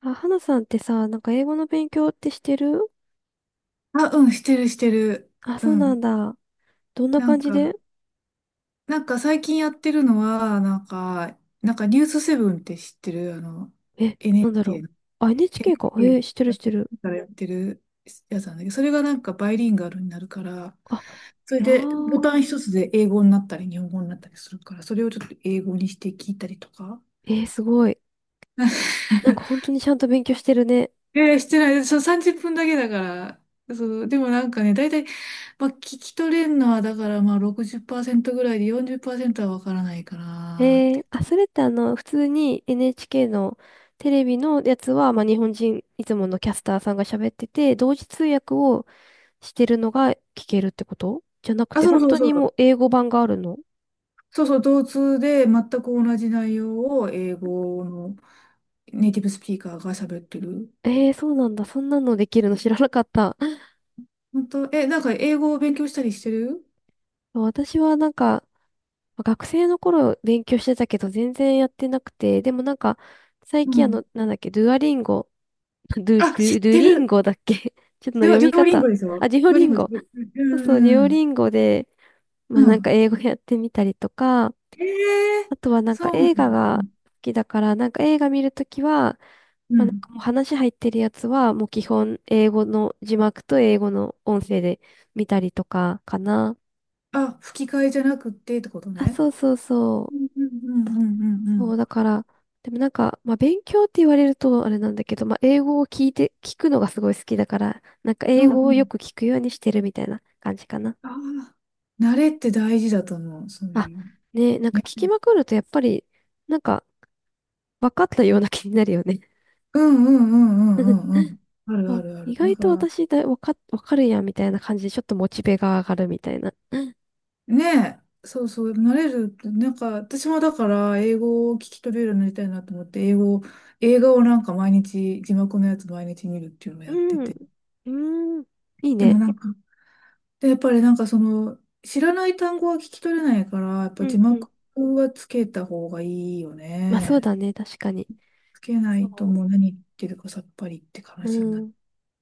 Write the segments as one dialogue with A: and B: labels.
A: あ、花さんってさ、なんか英語の勉強ってしてる？
B: あ、うん、してる。
A: あ、
B: う
A: そうな
B: ん。
A: んだ。どんな
B: なん
A: 感じで？
B: か、なんか最近やってるのは、なんかニュースセブンって知ってる
A: え、なんだろ
B: NHK の、
A: う。あ、NHK か。
B: n
A: してるしてる。
B: からやってるやつなんだけど、それがなんかバイリンガルになるから、
A: あ、
B: それ
A: あ
B: でボタン
A: あ。
B: 一つで英語になったり日本語になったりするから、それをちょっと英語にして聞いたりとか。
A: すごい。なんか 本当にちゃんと勉強してるね。
B: えー、してない。そう、30分だけだから。そう、でもなんかね、だいたい、まあ、聞き取れるのは、だから、まあ、60%ぐらいで40%はわからないかなっ
A: え
B: て。
A: あ、それって普通に NHK のテレビのやつは、まあ、日本人、いつものキャスターさんが喋ってて、同時通訳をしてるのが聞けるってことじゃなく
B: あ、
A: て、
B: そう
A: 本
B: そう
A: 当
B: そ
A: にも
B: う。
A: う英語版があるの？
B: そうそう、同通で全く同じ内容を英語のネイティブスピーカーが喋ってる。
A: そうなんだ。そんなのできるの知らなかった。
B: 本当、え、なんか英語を勉強したりしてる。
A: そう、私はなんか、学生の頃勉強してたけど、全然やってなくて、でもなんか、最
B: う
A: 近
B: ん。
A: なんだっけ、ドゥアリンゴ、ドゥ、
B: あ、
A: ド
B: 知
A: ゥ、
B: っ
A: ドゥ
B: て
A: リン
B: る。
A: ゴだっけ？ ちょっと
B: デュオ、
A: 読
B: デ
A: み
B: ュオリン
A: 方。
B: ゴですよ。
A: あ、デュオ
B: デュオ
A: リ
B: リン
A: ン
B: ゴで。
A: ゴ。そう
B: う
A: そう、デュオ
B: ん。
A: リンゴで、ま
B: う
A: あなんか
B: ん。
A: 英語やってみたりとか、
B: ええー、
A: あとはなんか
B: そうなの。
A: 映画
B: う
A: が
B: ん。
A: 好きだから、なんか映画見るときは、
B: う
A: まあ、なん
B: ん。
A: かもう話入ってるやつは、もう基本英語の字幕と英語の音声で見たりとかかな。
B: あ、吹き替えじゃなくってってこと
A: あ、
B: ね。
A: そうそうそ
B: う
A: う。
B: んうんうんうんうんう
A: そう、
B: ん。
A: だから、でもなんか、まあ勉強って言われるとあれなんだけど、まあ英語を聞いて、聞くのがすごい好きだから、なんか
B: う
A: 英
B: んう
A: 語をよ
B: ん。
A: く聞くようにしてるみたいな感じかな。
B: ああ、慣れって大事だと思う、そう
A: あ、
B: いう。
A: ねえ、なんか
B: ね。
A: 聞きまくるとやっぱり、なんか分かったような気になるよね。
B: うんうんうんうんうんう ん。あるあ
A: あ、
B: るあ
A: 意
B: る。だ
A: 外
B: か
A: と
B: ら、
A: 私だ、分かるやんみたいな感じでちょっとモチベが上がるみたいな。うん。
B: ねえ、そうそう、慣れるって、なんか、私もだから、英語を聞き取れるようになりたいなと思って、英語を、映画をなんか毎日、字幕のやつ毎日見るっていうのを
A: う
B: やって
A: ん。
B: て。
A: うん。いい
B: でも
A: ね。
B: なんか、で、やっぱりなんかその、知らない単語は聞き取れないから、やっ
A: う
B: ぱ字
A: んうん。
B: 幕はつけた方がいいよ
A: まあそう
B: ね。
A: だね、確かに。
B: つけな
A: そ
B: いともう何言ってるかさっぱりって
A: う。
B: 話に
A: う
B: なる
A: ん。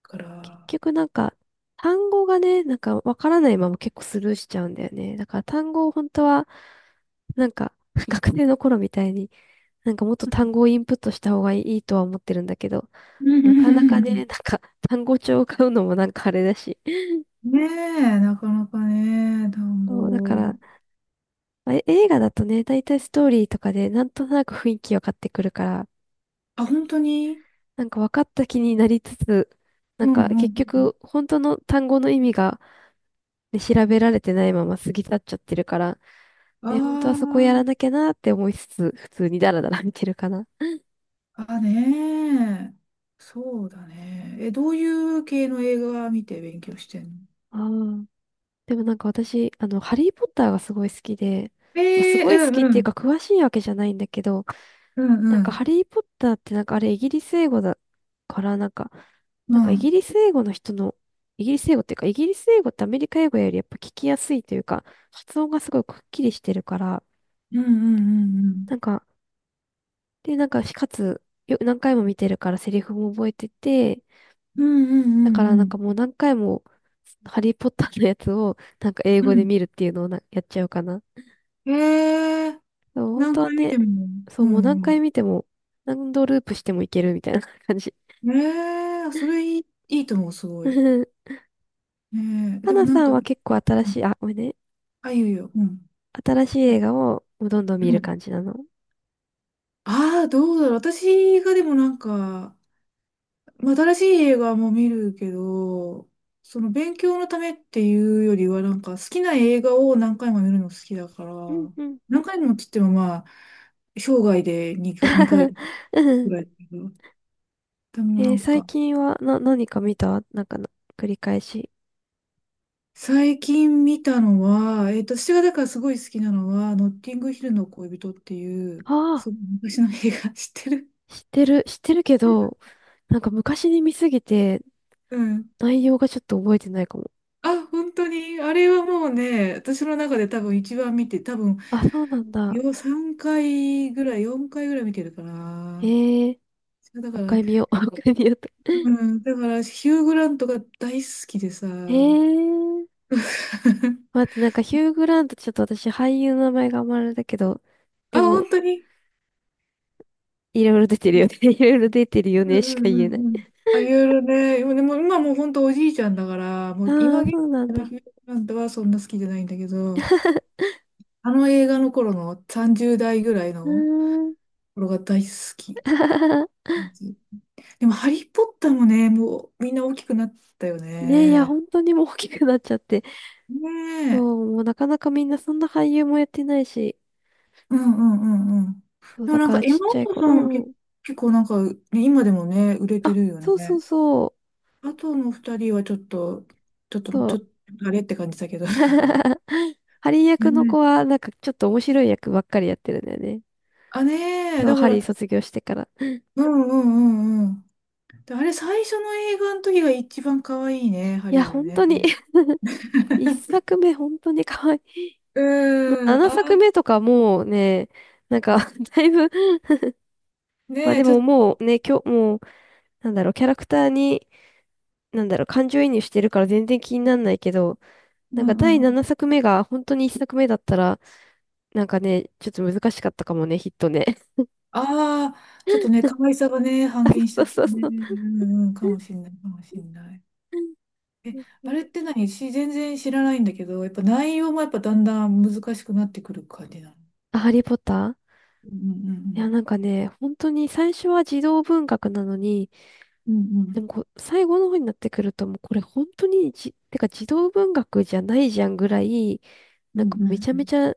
B: か
A: 結
B: ら。
A: 局なんか、単語がね、なんかわからないまま結構スルーしちゃうんだよね。だから単語を本当は、なんか、学生の頃みたいに、なんかもっと
B: うん。
A: 単語をインプットした方がいいとは思ってるんだけど、なかなかね、なんか単語帳を買うのもなんかあれだし。
B: ねえ、なかなかね、単
A: そう、だか
B: 語。
A: ら、まあ映画だとね、だいたいストーリーとかでなんとなく雰囲気分かってくるから、
B: あ、本当に。
A: なんか分かった気になりつつ、な
B: う
A: んか
B: んうん。
A: 結局本当の単語の意味がで、調べられてないまま過ぎ去っちゃってるから、ね、本当はそこやら
B: あ
A: なきゃなって思いつつ、普通にダラダラ見てるかな。
B: あ、あねえ。そうだね。え、どういう系の映画見て勉強してんの？
A: ああ。でもなんか私、ハリー・ポッターがすごい好きで、まあ、す
B: ええ、
A: ごい
B: う
A: 好
B: ん
A: きっ
B: う
A: ていうか
B: ん。
A: 詳しいわけじゃないんだけど、
B: う
A: な
B: ん
A: ん
B: う
A: か
B: ん。
A: ハリー・ポッターってなんかあれイギリス英語だから、なんか、
B: う
A: なんかイギ
B: ん。
A: リス英語の人の、イギリス英語っていうか、イギリス英語ってアメリカ英語よりやっぱ聞きやすいというか、発音がすごいくっきりしてるから、
B: うんうんうんうん。
A: なんか、で、なんか、しかつ、何回も見てるからセリフも覚えてて、
B: うんう
A: だから
B: んう
A: なんか
B: ん
A: もう何回も、ハリーポッターのやつを、なんか英
B: う
A: 語で
B: ん。
A: 見るっていうのをな、やっちゃうかな。そ
B: うん。えー、
A: う、本
B: 何
A: 当は
B: 回見て
A: ね、
B: も。
A: そ
B: う
A: う、もう何回
B: ん
A: 見ても、何度ループしてもいけるみたいな 感じ。
B: うん。えー、それいい、いいと思う、すごい。えー、
A: は
B: でも
A: な
B: なん
A: さん
B: か、
A: は結構新
B: う
A: し
B: ん、
A: い、あ、ごめんね。
B: あ、いいよいいよ。うん。
A: 新しい映画をもうどんどん見
B: う
A: る
B: ん。
A: 感じなの？
B: ああ、どうだろう。私がでもなんか、まあ新しい映画も見るけど、その勉強のためっていうよりは、なんか好きな映画を何回も見るの好きだから、
A: うんうん。
B: 何回もって言ってもまあ、生涯で2回、2 回
A: う
B: ぐ
A: ん。
B: らいだけど。でもなん
A: 最
B: か、
A: 近は、何か見たなんかな、繰り返し。
B: 最近見たのは、えっと、私がだからすごい好きなのは、ノッティングヒルの恋人っていう、
A: ああ。
B: そう、昔の映画。 知ってる？
A: 知ってる、知ってるけど、なんか昔に見すぎて
B: うん。
A: 内容がちょっと覚えてないかも。
B: あ、本当に、あれはもうね、私の中で多分一番見て、多分、
A: あ、そうなんだ。
B: よ、3回ぐらい、4回ぐらい見てるかな。
A: もう
B: だか
A: 一
B: ら、
A: 回見よう。もう一回見ようと。
B: うん、だから、ヒュー・グラントが大好きでさ。
A: えー、待って、なんかヒュー・グラントちょっと私俳優の名前があんまあれだけど、
B: あ、
A: でも、
B: 本当に。
A: いろいろ出てるよね。いろいろ出てるよ
B: う
A: ね
B: ん
A: し
B: う
A: か言え
B: ん
A: な
B: う
A: い。
B: んうん。あ、いろいろね。でも、でも今もう本当おじいちゃんだから、もう
A: あ
B: 今
A: あ、
B: 現
A: そうなん
B: 在の
A: だ。
B: ヒュージャックマンとはそんな好きじゃないんだけど、あの映画の頃の30代ぐらい
A: うー
B: の
A: ん。
B: 頃が大好き。でも、ハリー・ポッターもね、もうみんな大きくなったよ
A: ねえ、いや、
B: ね。
A: 本当にもう大きくなっちゃって。そ
B: ねえ。
A: う、もうなかなかみんなそんな俳優もやってないし。
B: うんうんうんうん。
A: そう、
B: でも
A: だ
B: なん
A: か
B: か、
A: ら
B: エ
A: ち
B: マ・
A: っち
B: ワ
A: ゃい
B: ト
A: 頃。
B: ソ
A: う
B: ンは
A: んう
B: 結
A: ん。
B: 結構なんか、ね、今でもね、売れて
A: あ、
B: るよ
A: そうそう
B: ね。
A: そう。
B: あとの二人はちょっと、ちょっと、
A: そ
B: ちょ
A: う。
B: っと、あれって感じだけど。
A: ハリー役の子
B: ね、
A: は、なんかちょっと面白い役ばっかりやってるんだよね。
B: あ、ねえ、
A: そう、
B: だか
A: ハリー
B: ら、
A: 卒業してから。
B: うんうんうんうん。で、あれ、最初の映画の時が一番可愛いね、ハ
A: いや、
B: リーが
A: 本当
B: ね。
A: に 一作目、本当に可愛い。
B: うーん、
A: 七
B: あ
A: 作目とかもうね、なんか だいぶ。
B: ー、
A: まあ
B: ねえ、
A: で
B: ちょ
A: も、
B: っ
A: もう
B: と、
A: ね、今日、もう、なんだろう、キャラクターに、なんだろう、感情移入してるから全然気になんないけど、
B: う
A: なんか
B: ん
A: 第
B: うん。
A: 7作目が本当に1作目だったら、なんかね、ちょっと難しかったかもね、ヒットね。
B: ああ、ちょっとね、可愛さがね、半
A: あ、
B: 減しち
A: そ
B: ゃ
A: う
B: って
A: そうそう
B: ね、
A: そう。
B: うんうん、かもしんない、かもしんない。え、
A: うんう
B: あ
A: ん。
B: れって何し、全然知らないんだけど、やっぱ内容もやっぱだんだん難しくなってくる感じなの？
A: あ、ハリーポッター。
B: う
A: いや、
B: ん
A: なんかね、本当に最初は児童文学なのに、
B: うんうん。う
A: で
B: ん
A: もこう、最後の方になってくると、もうこれ本当にてか児童文学じゃないじゃんぐらい、
B: うん
A: な
B: う
A: んかめ
B: ん
A: ちゃ
B: う
A: め
B: ん
A: ちゃ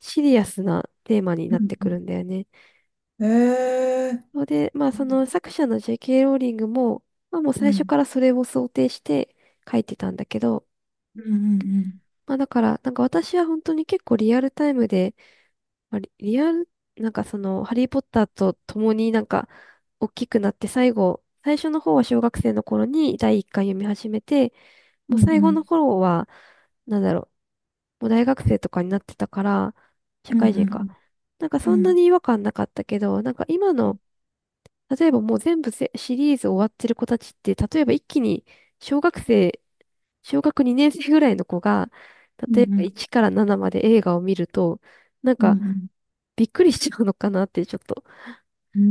A: シリアスなテーマに
B: う
A: なっ
B: ん
A: て
B: う
A: く
B: ん
A: るんだよね。
B: うん。えー、
A: それで、まあ
B: う
A: そ
B: ん
A: の作者の J.K. ローリングも、まあもう
B: う
A: 最初
B: ん
A: からそれを想定して書いてたんだけど、
B: うんうん
A: まあだから、なんか私は本当に結構リアルタイムで、まあリリアル、なんかその、ハリー・ポッターと共になんか、大きくなって最初の方は小学生の頃に第一巻読み始めて、
B: う
A: も
B: ん
A: う
B: うん
A: 最
B: う
A: 後
B: ん。
A: の頃は、なんだろう、もう大学生とかになってたから、社
B: うん
A: 会
B: う
A: 人か。
B: ん
A: なんか
B: う
A: そんな
B: ん
A: に違和感なかったけど、なんか今の、例えばもう全部シリーズ終わってる子たちって、例えば一気に小学生、小学2年生ぐらいの子が、
B: う
A: 例え
B: んう
A: ば
B: ん
A: 1から7まで映画を見ると、なん
B: う
A: か
B: ん
A: びっくりしちゃうのかなってちょっと。
B: うん、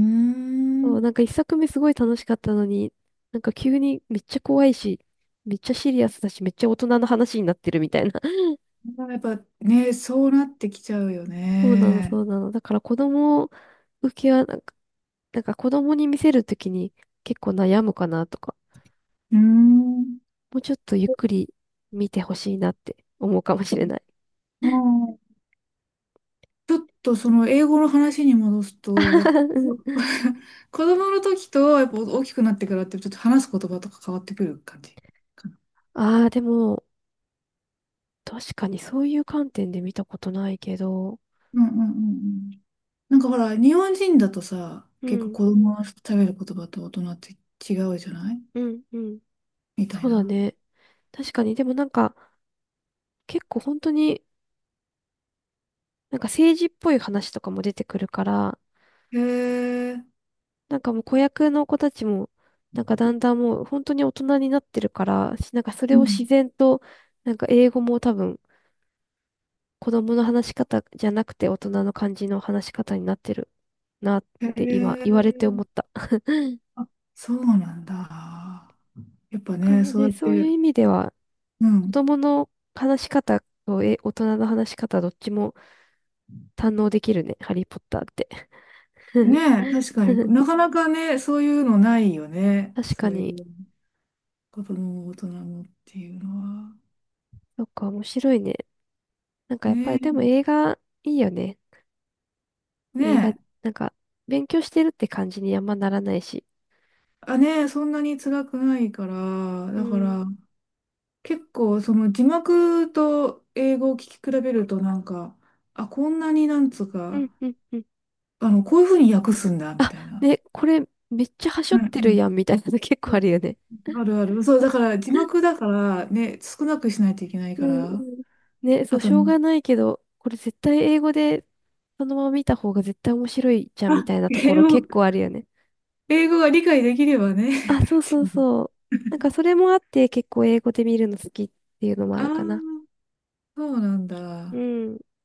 A: そ
B: うー
A: う、
B: ん。
A: なんか一作目すごい楽しかったのに、なんか急にめっちゃ怖いし、めっちゃシリアスだし、めっちゃ大人の話になってるみたいな。
B: やっぱね、そうなってきちゃうよ
A: そうなの、そ
B: ね。
A: うなの。だから子供受けはなんか子供に見せるときに結構悩むかなとか、
B: うーん。
A: もうちょっとゆっくり見てほしいなって思うかもしれない。
B: うん、ちょっとその英語の話に戻すと、やっぱ
A: う ん。
B: 子供の時とやっぱ大きくなってからってちょっと話す言葉とか変わってくる感じかな。
A: ああ、でも、確かにそういう観点で見たことないけど、
B: うんうんうんうん。なんかほら、日本人だとさ、
A: う
B: 結構
A: ん、
B: 子供の食べる言葉と大人って違うじゃない、
A: うん、うん。
B: みたい
A: そうだ
B: な。
A: ね。確かに、でもなんか、結構本当になんか政治っぽい話とかも出てくるから、
B: へえ。
A: なんかもう子役の子たちも、なんかだんだんもう本当に大人になってるから、しなんかそれ
B: う
A: を自
B: ん、
A: 然と、なんか英語も多分子供の話し方じゃなくて大人の感じの話し方になってるなっ
B: へ
A: て今言われて
B: え、
A: 思った。だ
B: あ、そうなんだ。やっぱ
A: から
B: ね、そうや
A: ね、
B: っ
A: そうい
B: て、
A: う意味では
B: う
A: 子
B: ん。
A: 供の話し方と大人の話し方どっちも堪能できるね、ハリーポッターって。
B: ね え、確かになかなかね、そういうのないよね。
A: 確
B: そ
A: か
B: うい
A: に、
B: う子供も大人もっていうのは。
A: そっか、面白いね。なんかやっぱ
B: ね
A: りでも
B: え、
A: 映画いいよね。
B: ね
A: 映画、
B: え、
A: なんか勉強してるって感じにあんまならないし。
B: あ、ねえ、そんなに辛くないから、
A: う
B: だか
A: ん。
B: ら結構その字幕と英語を聞き比べるとなんか、あ、こんなになんつう
A: う
B: か、
A: ん、うん、うん。
B: あの、こういうふうに訳すんだ、み
A: あ、
B: たいな。
A: ね、これめっちゃはしょ
B: う
A: ってる
B: ん、
A: やんみたいなの結構あるよね。
B: あるある。そう、だから字幕だからね、少なくしないといけな い
A: う
B: か
A: んう
B: ら。
A: ん。ね、そ
B: あ
A: う、
B: と、
A: しょうがないけど、これ絶対英語でそのまま見た方が絶対面白いじゃんみ
B: あ、
A: たいなとこ
B: 英
A: ろ
B: 語、
A: 結構あるよね。
B: 英語が理解できればね、 っ
A: あ、そう
B: て
A: そう
B: いう。
A: そう。なんかそれもあって結構英語で見るの好きっていうのもあ
B: あ
A: るかな。
B: あ、そうなん
A: う
B: だ。
A: ん。